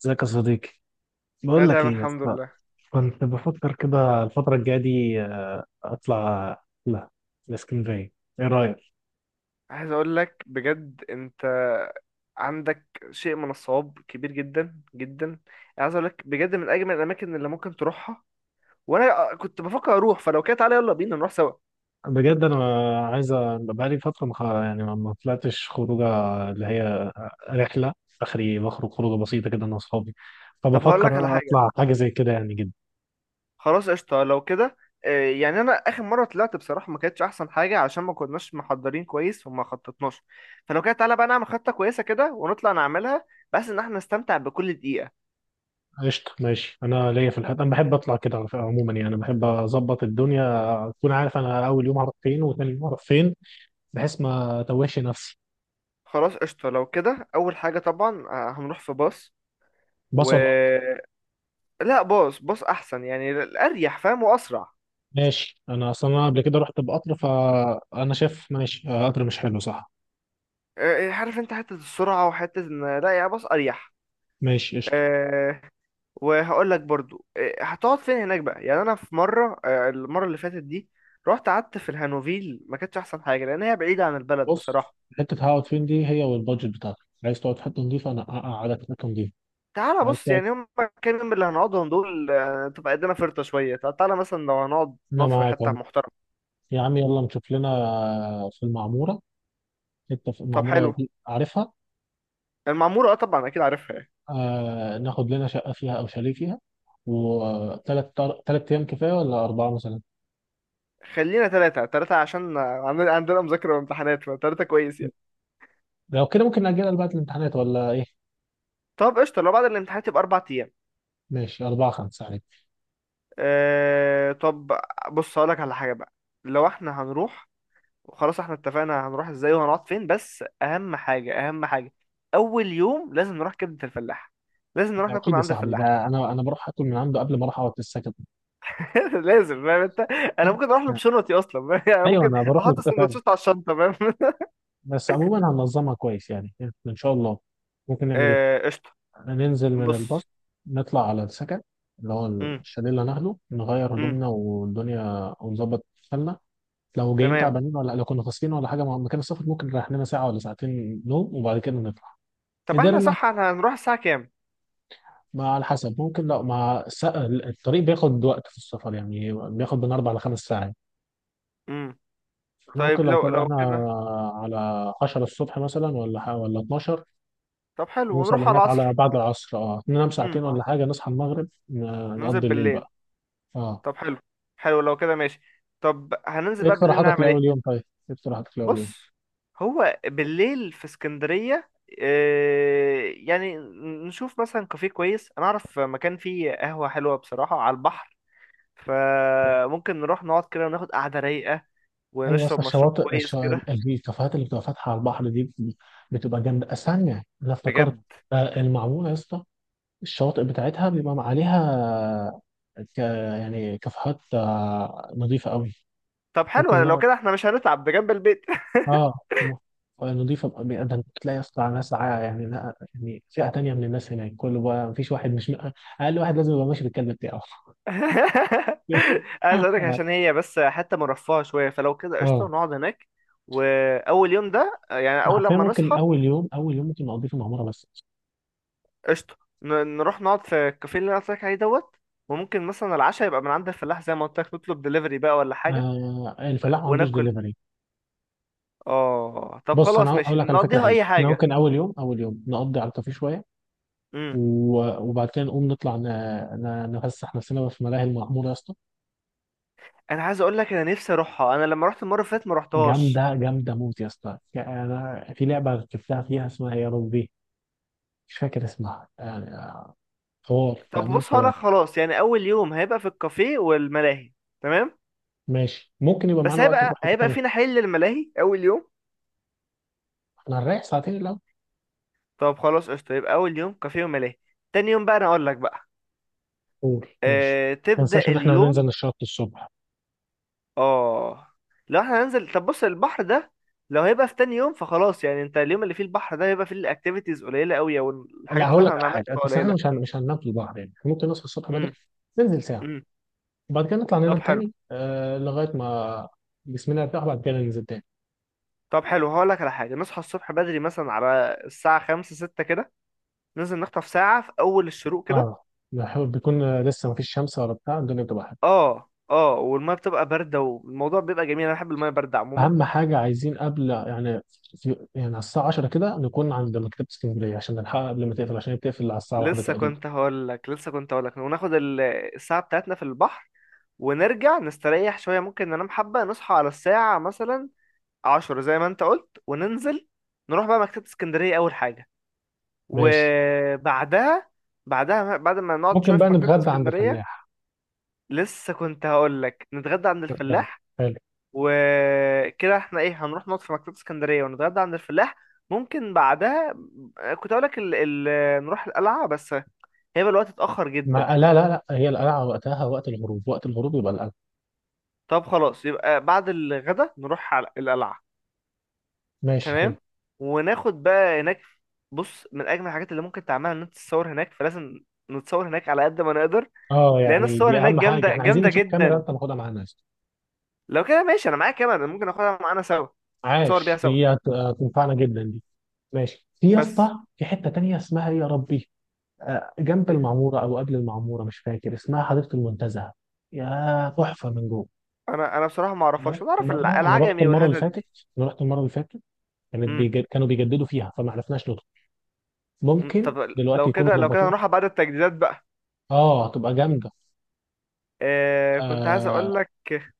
ازيك يا صديقي. انا بقول لك تمام، ايه يا الحمد اسطى؟ لله. كنت بفكر كده الفترة الجاية دي اطلع لا الاسكندرية. ايه رأيك؟ عايز اقول لك، بجد انت عندك شيء من الصواب كبير جدا جدا. عايز اقول لك بجد من اجمل الاماكن اللي ممكن تروحها، وانا كنت بفكر اروح، فلو كده تعالى يلا بينا نروح سوا. بجد انا عايز بقالي فترة يعني ما طلعتش خروجة، اللي هي رحلة اخري، بخرج خروجة بسيطة كده انا واصحابي، طب هقول لك فبفكر على انا حاجه. اطلع حاجة زي كده يعني جدا. خلاص، قشطه لو كده. يعني انا اخر مره طلعت بصراحه ما كانتش احسن حاجه عشان ما كناش محضرين كويس وما خططناش. فلو كده تعالى بقى نعمل خطه كويسه كده ونطلع نعملها، بس ان احنا نستمتع بكل دقيقه. قشطة، ماشي. انا ليا في الحاجات، انا بحب اطلع كده على فكرة عموما، يعني انا بحب اظبط الدنيا، اكون عارف انا اول يوم هروح فين وثاني يوم هروح فين بحيث ما اتوهش نفسي. خلاص، قشطه لو كده. اول حاجه طبعا، هنروح في باص. و بصل. لا، باص احسن، يعني الاريح فاهم واسرع. ماشي، انا اصلا انا قبل كده رحت بقطر، فانا شايف ماشي قطر مش حلو صح؟ عارف انت حته السرعه وحته ان لا، يا باص اريح. ماشي قشطه. أه وهقول لك برضو، هتقعد فين هناك بقى. يعني انا في مره، المره اللي فاتت دي رحت قعدت في الهانوفيل، ما كانتش احسن حاجه لان هي بعيده عن البلد بص، بصراحه. حته هقعد فين دي هي والبادجت بتاعتك. عايز تقعد في حته نظيفه، انا اقعدك في حته نظيفه. تعالى عايز بص، تقعد؟ يعني هم كام يوم اللي هنقعدهم دول، تبقى قدنا فرطه شويه، تعالى مثلا لو هنقعد انا نقعد في معاك حته عمو. محترمه. يا عم يلا نشوف لنا في المعموره. حته في طب المعموره حلو. دي عارفها؟ المعموره طبعا اكيد عارفها يعني. آه، ناخد لنا شقه فيها او شاليه فيها، وثلاث ايام كفايه ولا اربعه مثلا؟ خلينا ثلاثة ثلاثة عشان عندنا مذاكرة وامتحانات، فثلاثة كويس يعني. لو كده ممكن نأجلها لبعد الامتحانات ولا ايه؟ طب قشطة، لو بعد الامتحانات يبقى 4 أيام. ماشي، اربعه خمسه عليك. طب بص هقولك على حاجة بقى. لو احنا هنروح، وخلاص احنا اتفقنا هنروح ازاي وهنقعد فين، بس أهم حاجة أهم حاجة، أول يوم لازم نروح كبدة الفلاح، لازم نروح ده ناكل اكيد من يا عند صاحبي. الفلاح. ده انا بروح اكل من عنده قبل ما اروح اقعد في السكن. لازم، فاهم انت؟ انا ممكن اروح له بشنطتي اصلا، فاهم؟ يعني انا ايوه ممكن انا بروح له احط كده فعلا. السندوتشات على الشنطه، فاهم؟ بس عموما هننظمها كويس يعني، ان شاء الله. ممكن نعمل ايه؟ قشطه. ننزل من بص. الباص، نطلع على السكن، اللي هو امم. الشاليه اللي هناخده، نغير امم. هدومنا والدنيا ونظبط حالنا. لو جايين تمام. تعبانين ولا لو كنا فاصلين ولا حاجه مكان السفر، ممكن نريح لنا ساعه ولا ساعتين نوم وبعد كده نطلع. طب احنا، قدرنا صح؟ احنا هنروح الساعه كام؟ مع على حسب، ممكن لو مع الطريق بياخد وقت في السفر، يعني بياخد من اربع لخمس ساعات. امم. احنا ممكن طيب لو لو طلعنا كده. على 10 الصبح مثلا ولا 12، طب حلو، نوصل ونروح على هناك على العصر. بعد العصر، ننام امم. ساعتين ولا حاجة، نصحى المغرب ننزل نقضي الليل بالليل. بقى. اه. طب حلو. حلو لو كده، ماشي. طب هننزل ايه بقى بالليل اقتراحاتك نعمل ايه؟ لأول يوم طيب؟ ايه اقتراحاتك لأول يوم؟ بص، هو بالليل في اسكندرية إيه يعني؟ نشوف مثلا كافيه كويس، انا اعرف مكان فيه قهوة حلوة بصراحة على البحر، فممكن نروح نقعد كده وناخد قعدة رايقة، ايوه، ونشرب اصل مشروب الشواطئ كويس كده. الكافيهات اللي بتبقى فاتحه على البحر دي بتبقى جامده. استنى انا افتكرت، بجد. المعموره يا اسطى، الشواطئ بتاعتها بيبقى عليها يعني كافيهات نظيفه قوي. طب حلو، لو ممكن. كده احنا مش هنتعب، ده جنب البيت. اه م- نضيفة ده انت تلاقي اصلا ناس يعني لا يعني فئة تانية من الناس. هناك كله بقى مفيش واحد مش، اقل واحد لازم يبقى ماشي بالكلب بتاعه. عايز اقولك، عشان هي بس حتة مرفهة شوية، فلو كده اه، قشطة نقعد هناك. وأول يوم ده يعني، أنا أول حرفيا لما ممكن نصحى، اول يوم ممكن اقضيه في المعمورة بس. قشطة نروح نقعد في الكافيه اللي أنا قلت لك عليه دوت. وممكن مثلا العشاء يبقى من عند الفلاح، زي ما قلت لك، نطلب دليفري بقى ولا حاجة آه، الفلاح ما عندوش وناكل. دليفري. اه طب بص انا خلاص، اقول ماشي لك على فكرة نقضيها حلوة، أي احنا حاجة. ممكن اول يوم نقضي على الكافيه شوية امم. وبعد كده نقوم نطلع نفسح نفسنا بقى في ملاهي المعمورة يا اسطى. أنا عايز أقول لك، أنا نفسي أروحها، أنا لما رحت المرة اللي فاتت ما رحتهاش. جامدة جامدة موت يا اسطى، يعني انا في لعبة ركبتها فيها اسمها يا ربي، مش فاكر اسمها حوار في طب امان بص هقولك حوار. خلاص، يعني أول يوم هيبقى في الكافيه والملاهي. تمام. ماشي، ممكن يبقى بس معانا وقت نروح هيبقى حته هيبقى تانيه. فينا حل للملاهي أول يوم. احنا هنريح ساعتين الاول. طب خلاص، قشطة يبقى أول يوم كافيه وملاهي. تاني يوم بقى أنا أقول لك بقى. قول ماشي. ما تبدأ تنساش ان احنا هننزل اليوم. نشاط الصبح. اه، لو احنا هننزل، طب بص، البحر ده لو هيبقى في تاني يوم فخلاص، يعني انت اليوم اللي فيه البحر ده هيبقى فيه الاكتيفيتيز قليلة قوي، او لا الحاجات اللي هقول احنا لك على هنعملها حاجه، تبقى انت احنا قليلة. مش هننام في البحر، يعني إحنا ممكن نصحى الصبح بدري، امم. ننزل ساعه، امم. وبعد كده نطلع طب ننام حلو. تاني لغايه ما جسمنا يرتاح، وبعد كده ننزل تاني. طب حلو، هقول لك على حاجة. نصحى الصبح بدري مثلا على الساعة 5 6 كده، ننزل نخطف ساعة في أول الشروق كده. اه، بيكون لسه ما فيش شمس ولا بتاع، الدنيا بتبقى حلوه. اه، اه، والمية بتبقى باردة والموضوع بيبقى جميل، أنا بحب المية باردة عموما. اهم حاجه عايزين قبل يعني في... يعني على الساعه 10 كده نكون عند مكتبه اسكندريه عشان نلحقها قبل ما تقفل، عشان هي بتقفل على الساعه 1 تقريبا. لسه كنت هقول لك، وناخد الساعة بتاعتنا في البحر، ونرجع نستريح شوية، ممكن ننام حبة نصحى على الساعة مثلا 10 زي ما انت قلت، وننزل نروح بقى مكتبة اسكندرية أول حاجة. ماشي، وبعدها، بعد ما نقعد ممكن شوية بقى في مكتبة نتغدى عند اسكندرية، الفلاح. لسه كنت هقول لك نتغدى عند فكرة الفلاح. حلو. وكده احنا ايه، هنروح نقعد في مكتبة اسكندرية ونتغدى عند الفلاح. ممكن بعدها كنت هقول لك نروح القلعة، بس هيبقى الوقت اتأخر ما جدا. لا لا لا، هي القلعة وقتها وقت الغروب، وقت الغروب يبقى القلعة. طب خلاص، يبقى بعد الغدا نروح على القلعة. ماشي حلو. تمام. وناخد بقى هناك، بص، من أجمل الحاجات اللي ممكن تعملها إن أنت تتصور هناك، فلازم نتصور هناك على قد ما نقدر. اه، لأن يعني الصور دي هناك أهم حاجة، جامدة احنا عايزين جامدة نشوف كاميرا. جدا. أنت ماخدها معانا يا اسطى. لو كده ماشي، أنا معايا كاميرا، ممكن آخدها معانا سوا، نتصور بيها عاش، سوا. هي هتنفعنا جدا دي. ماشي، في يا بس اسطى في حتة تانية اسمها إيه يا ربي، جنب إيه؟ المعمورة أو قبل المعمورة، مش فاكر اسمها، حديقة المنتزه. يا تحفة من جوه. أنا بصراحة ما أنا أعرفهاش، رحت أنا أعرف مرة أنا رحت العجمي المرة اللي والحتت فاتت دي. أنا رحت المرة اللي فاتت، مم. كانوا بيجددوا فيها فما عرفناش ندخل. مم. ممكن طب دلوقتي لو يكونوا كده، ظبطوها. هنروح بعد التجديدات بقى. اه هتبقى جامده. كنت عايز أقول آه. لك،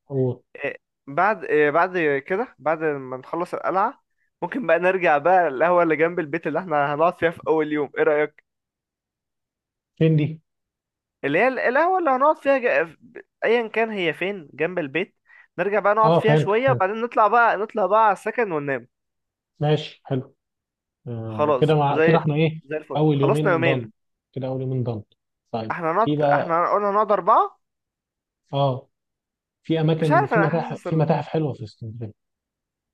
وفين إيه، بعد إيه، بعد كده بعد ما نخلص القلعة، ممكن بقى نرجع بقى القهوة اللي جنب البيت اللي احنا هنقعد فيها في أول يوم، ايه رأيك؟ دي؟ اللي هي القهوة اللي هنقعد فيها، أيا كان هي فين جنب البيت، نرجع بقى نقعد اه فيها فهمت شوية، فهمت. وبعدين نطلع بقى، على السكن وننام. ماشي حلو. آه خلاص، كده، مع كده زي احنا ايه. الفل، اول خلصنا يومين يومين. ضن، كده اول يومين ضن طيب، في بقى، احنا قلنا هنقعد أربعة. اه، في مش اماكن، عارف، في أنا متاحف حاسس، في متاحف حلوه في اسكندريه.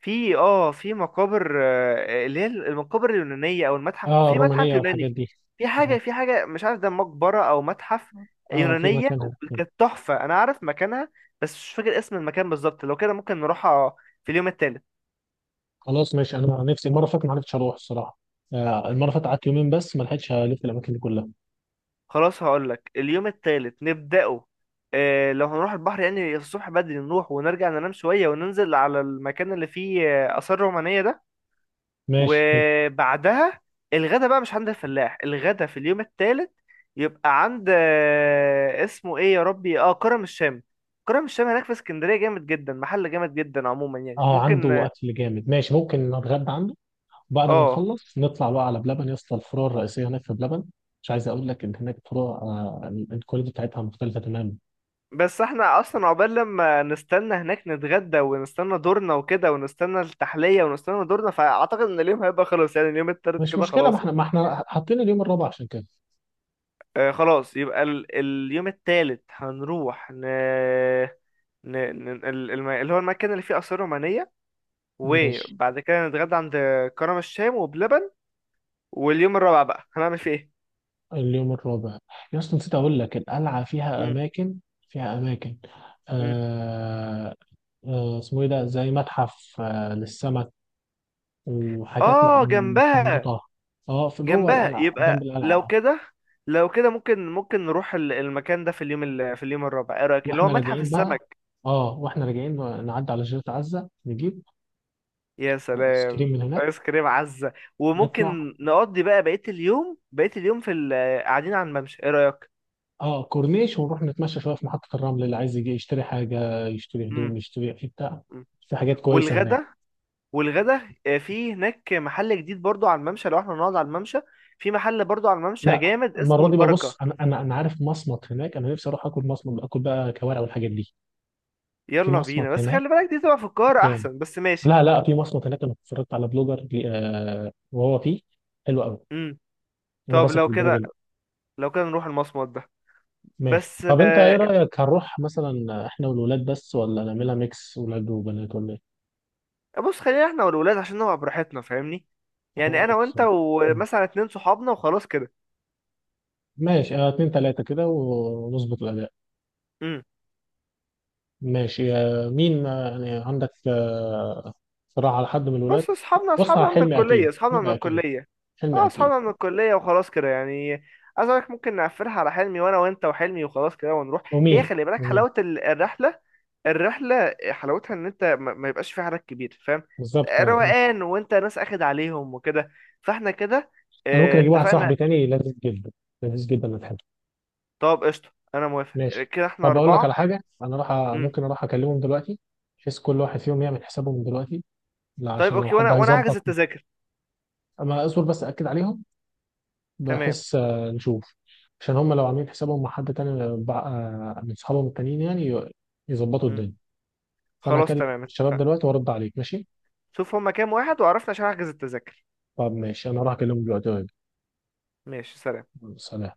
في مقابر، اللي هي المقابر اليونانية او المتحف، اه في متحف الرومانيه والحاجات يوناني. دي. اه، في حاجة، مش عارف ده مقبرة او متحف آه في يونانية. مكان هناك حلو. كانت تحفة، انا عارف مكانها، بس مش فاكر اسم المكان بالظبط. لو كده ممكن نروحها في اليوم التالت. خلاص ماشي، انا نفسي المره اللي فاتت ما عرفتش اروح الصراحه. آه المره اللي فاتت قعدت يومين بس، ما لحقتش الف الاماكن دي كلها. خلاص، هقول لك، اليوم التالت نبدأه، لو هنروح البحر يعني الصبح بدري، نروح ونرجع ننام شوية وننزل على المكان اللي فيه آثار رومانية ده. ماشي حلو. وبعدها الغدا بقى مش عند الفلاح. الغدا في اليوم الثالث يبقى عند، اسمه ايه يا ربي، كرم الشام. كرم الشام هناك في اسكندرية جامد جدا، محل جامد جدا عموما يعني اه ممكن. عنده اكل جامد، ماشي ممكن نتغدى عنده. بعد ما اه، نخلص نطلع بقى على بلبن يا اسطى، الفروع الرئيسيه هناك في بلبن. مش عايز اقول لك ان هناك فروع الكواليتي بتاعتها مختلفه تماما. بس احنا اصلا عقبال لما نستنى هناك نتغدى ونستنى دورنا وكده، ونستنى التحلية ونستنى دورنا، فاعتقد ان اليوم هيبقى خلاص يعني، اليوم التالت مش كده مشكله، ما خلاص احنا يعني. ما احنا حاطين اليوم الرابع عشان كده. خلاص، يبقى ال اليوم التالت هنروح ن... اللي هو المكان اللي فيه آثار رومانية، ماشي. وبعد كده نتغدى عند كرم الشام وبلبن. واليوم الرابع بقى هنعمل فيه ايه؟ اليوم الرابع يا اسطى، نسيت اقول لك القلعه فيها مم. اماكن، فيها اماكن مم. آه آه اسمه ايه ده، زي متحف للسمك وحاجات اه جنبها، محنطه. اه، في جوه القلعه جنب يبقى لو القلعه. كده، ممكن نروح المكان ده في اليوم في اليوم الرابع، ايه رايك، اللي هو واحنا متحف راجعين بقى، السمك. اه واحنا راجعين نعدي على جزيره عزه، نجيب يا ايس كريم سلام، من ايس هناك. كريم عزه. نطلع وممكن نقضي بقى بقيه اليوم، في قاعدين على الممشى، ايه رايك. اه كورنيش ونروح نتمشى شويه في محطه الرمل، اللي عايز يجي يشتري حاجه يشتري امم. هدوم، يشتري في بتاع، في حاجات كويسه هناك. والغدا، في هناك محل جديد برضو على الممشى، لو احنا نقعد على الممشى، في محل برضو على الممشى لا، جامد اسمه المره دي بقى بص، البركة. انا انا عارف مصمت هناك، انا نفسي اروح اكل مصمت، اكل بقى كوارع والحاجات دي. في يلا بينا، مصمت بس خلي هناك بالك دي تبقى في القاهرة جامد. احسن، بس ماشي. لا لا، في مصمت هناك، انا اتفرجت على بلوجر وهو فيه، حلو قوي. امم. انا طب بثق في لو البلوجر كده، ده. نروح المصمت ده. ماشي، بس طب انت ايه رايك، هنروح مثلا احنا والولاد بس، ولا نعملها ميكس ولاد وبنات ولا ايه؟ بص خلينا احنا والولاد عشان نبقى براحتنا فاهمني، انا يعني معاك انا وانت الصراحه. ومثلا 2 صحابنا وخلاص كده. ماشي اتنين تلاتة كده ونظبط الأداء. ماشي مين يعني عندك صراحة على حد من الولاد؟ بص، اصحابنا بص على اصحابنا من الكلية، اصحابنا من حلمي أكيد الكلية. حلمي اه، أكيد. اصحابنا من الكلية وخلاص كده يعني. عايز أقولك، ممكن نقفلها على حلمي، وانا وانت وحلمي وخلاص كده ونروح. هي ومين خلي بالك، حلاوة الرحلة، الرحلة حلاوتها ان انت ما يبقاش في حدك كبير، فاهم. بالظبط، اه ماشي. روقان، وانت ناس اخد عليهم وكده، فاحنا كده أنا ممكن أجيب واحد اتفقنا. صاحبي تاني لذيذ جدا، لذيذ جدا، أنا بحبه. طب قشطة، انا موافق. ماشي. كده احنا طب أقول لك 4. على حاجة، أنا راح مم. ممكن أروح أكلمهم دلوقتي، بحيث كل واحد فيهم يعمل حسابه من دلوقتي. لا طيب عشان لو اوكي، حد وانا احجز هيظبط. التذاكر. أما أصبر بس أكد عليهم، تمام. بحس نشوف. عشان هم لو عاملين حسابهم مع حد تاني من صحابهم التانيين يعني يظبطوا مم. الدنيا. فانا خلاص هكلم تمام، الشباب اتفقنا. دلوقتي وارد عليك ماشي. شوف هما كام واحد وعرفنا، عشان احجز التذاكر. طب ماشي، انا هروح اكلمهم دلوقتي. ماشي، سلام. يلا، سلام.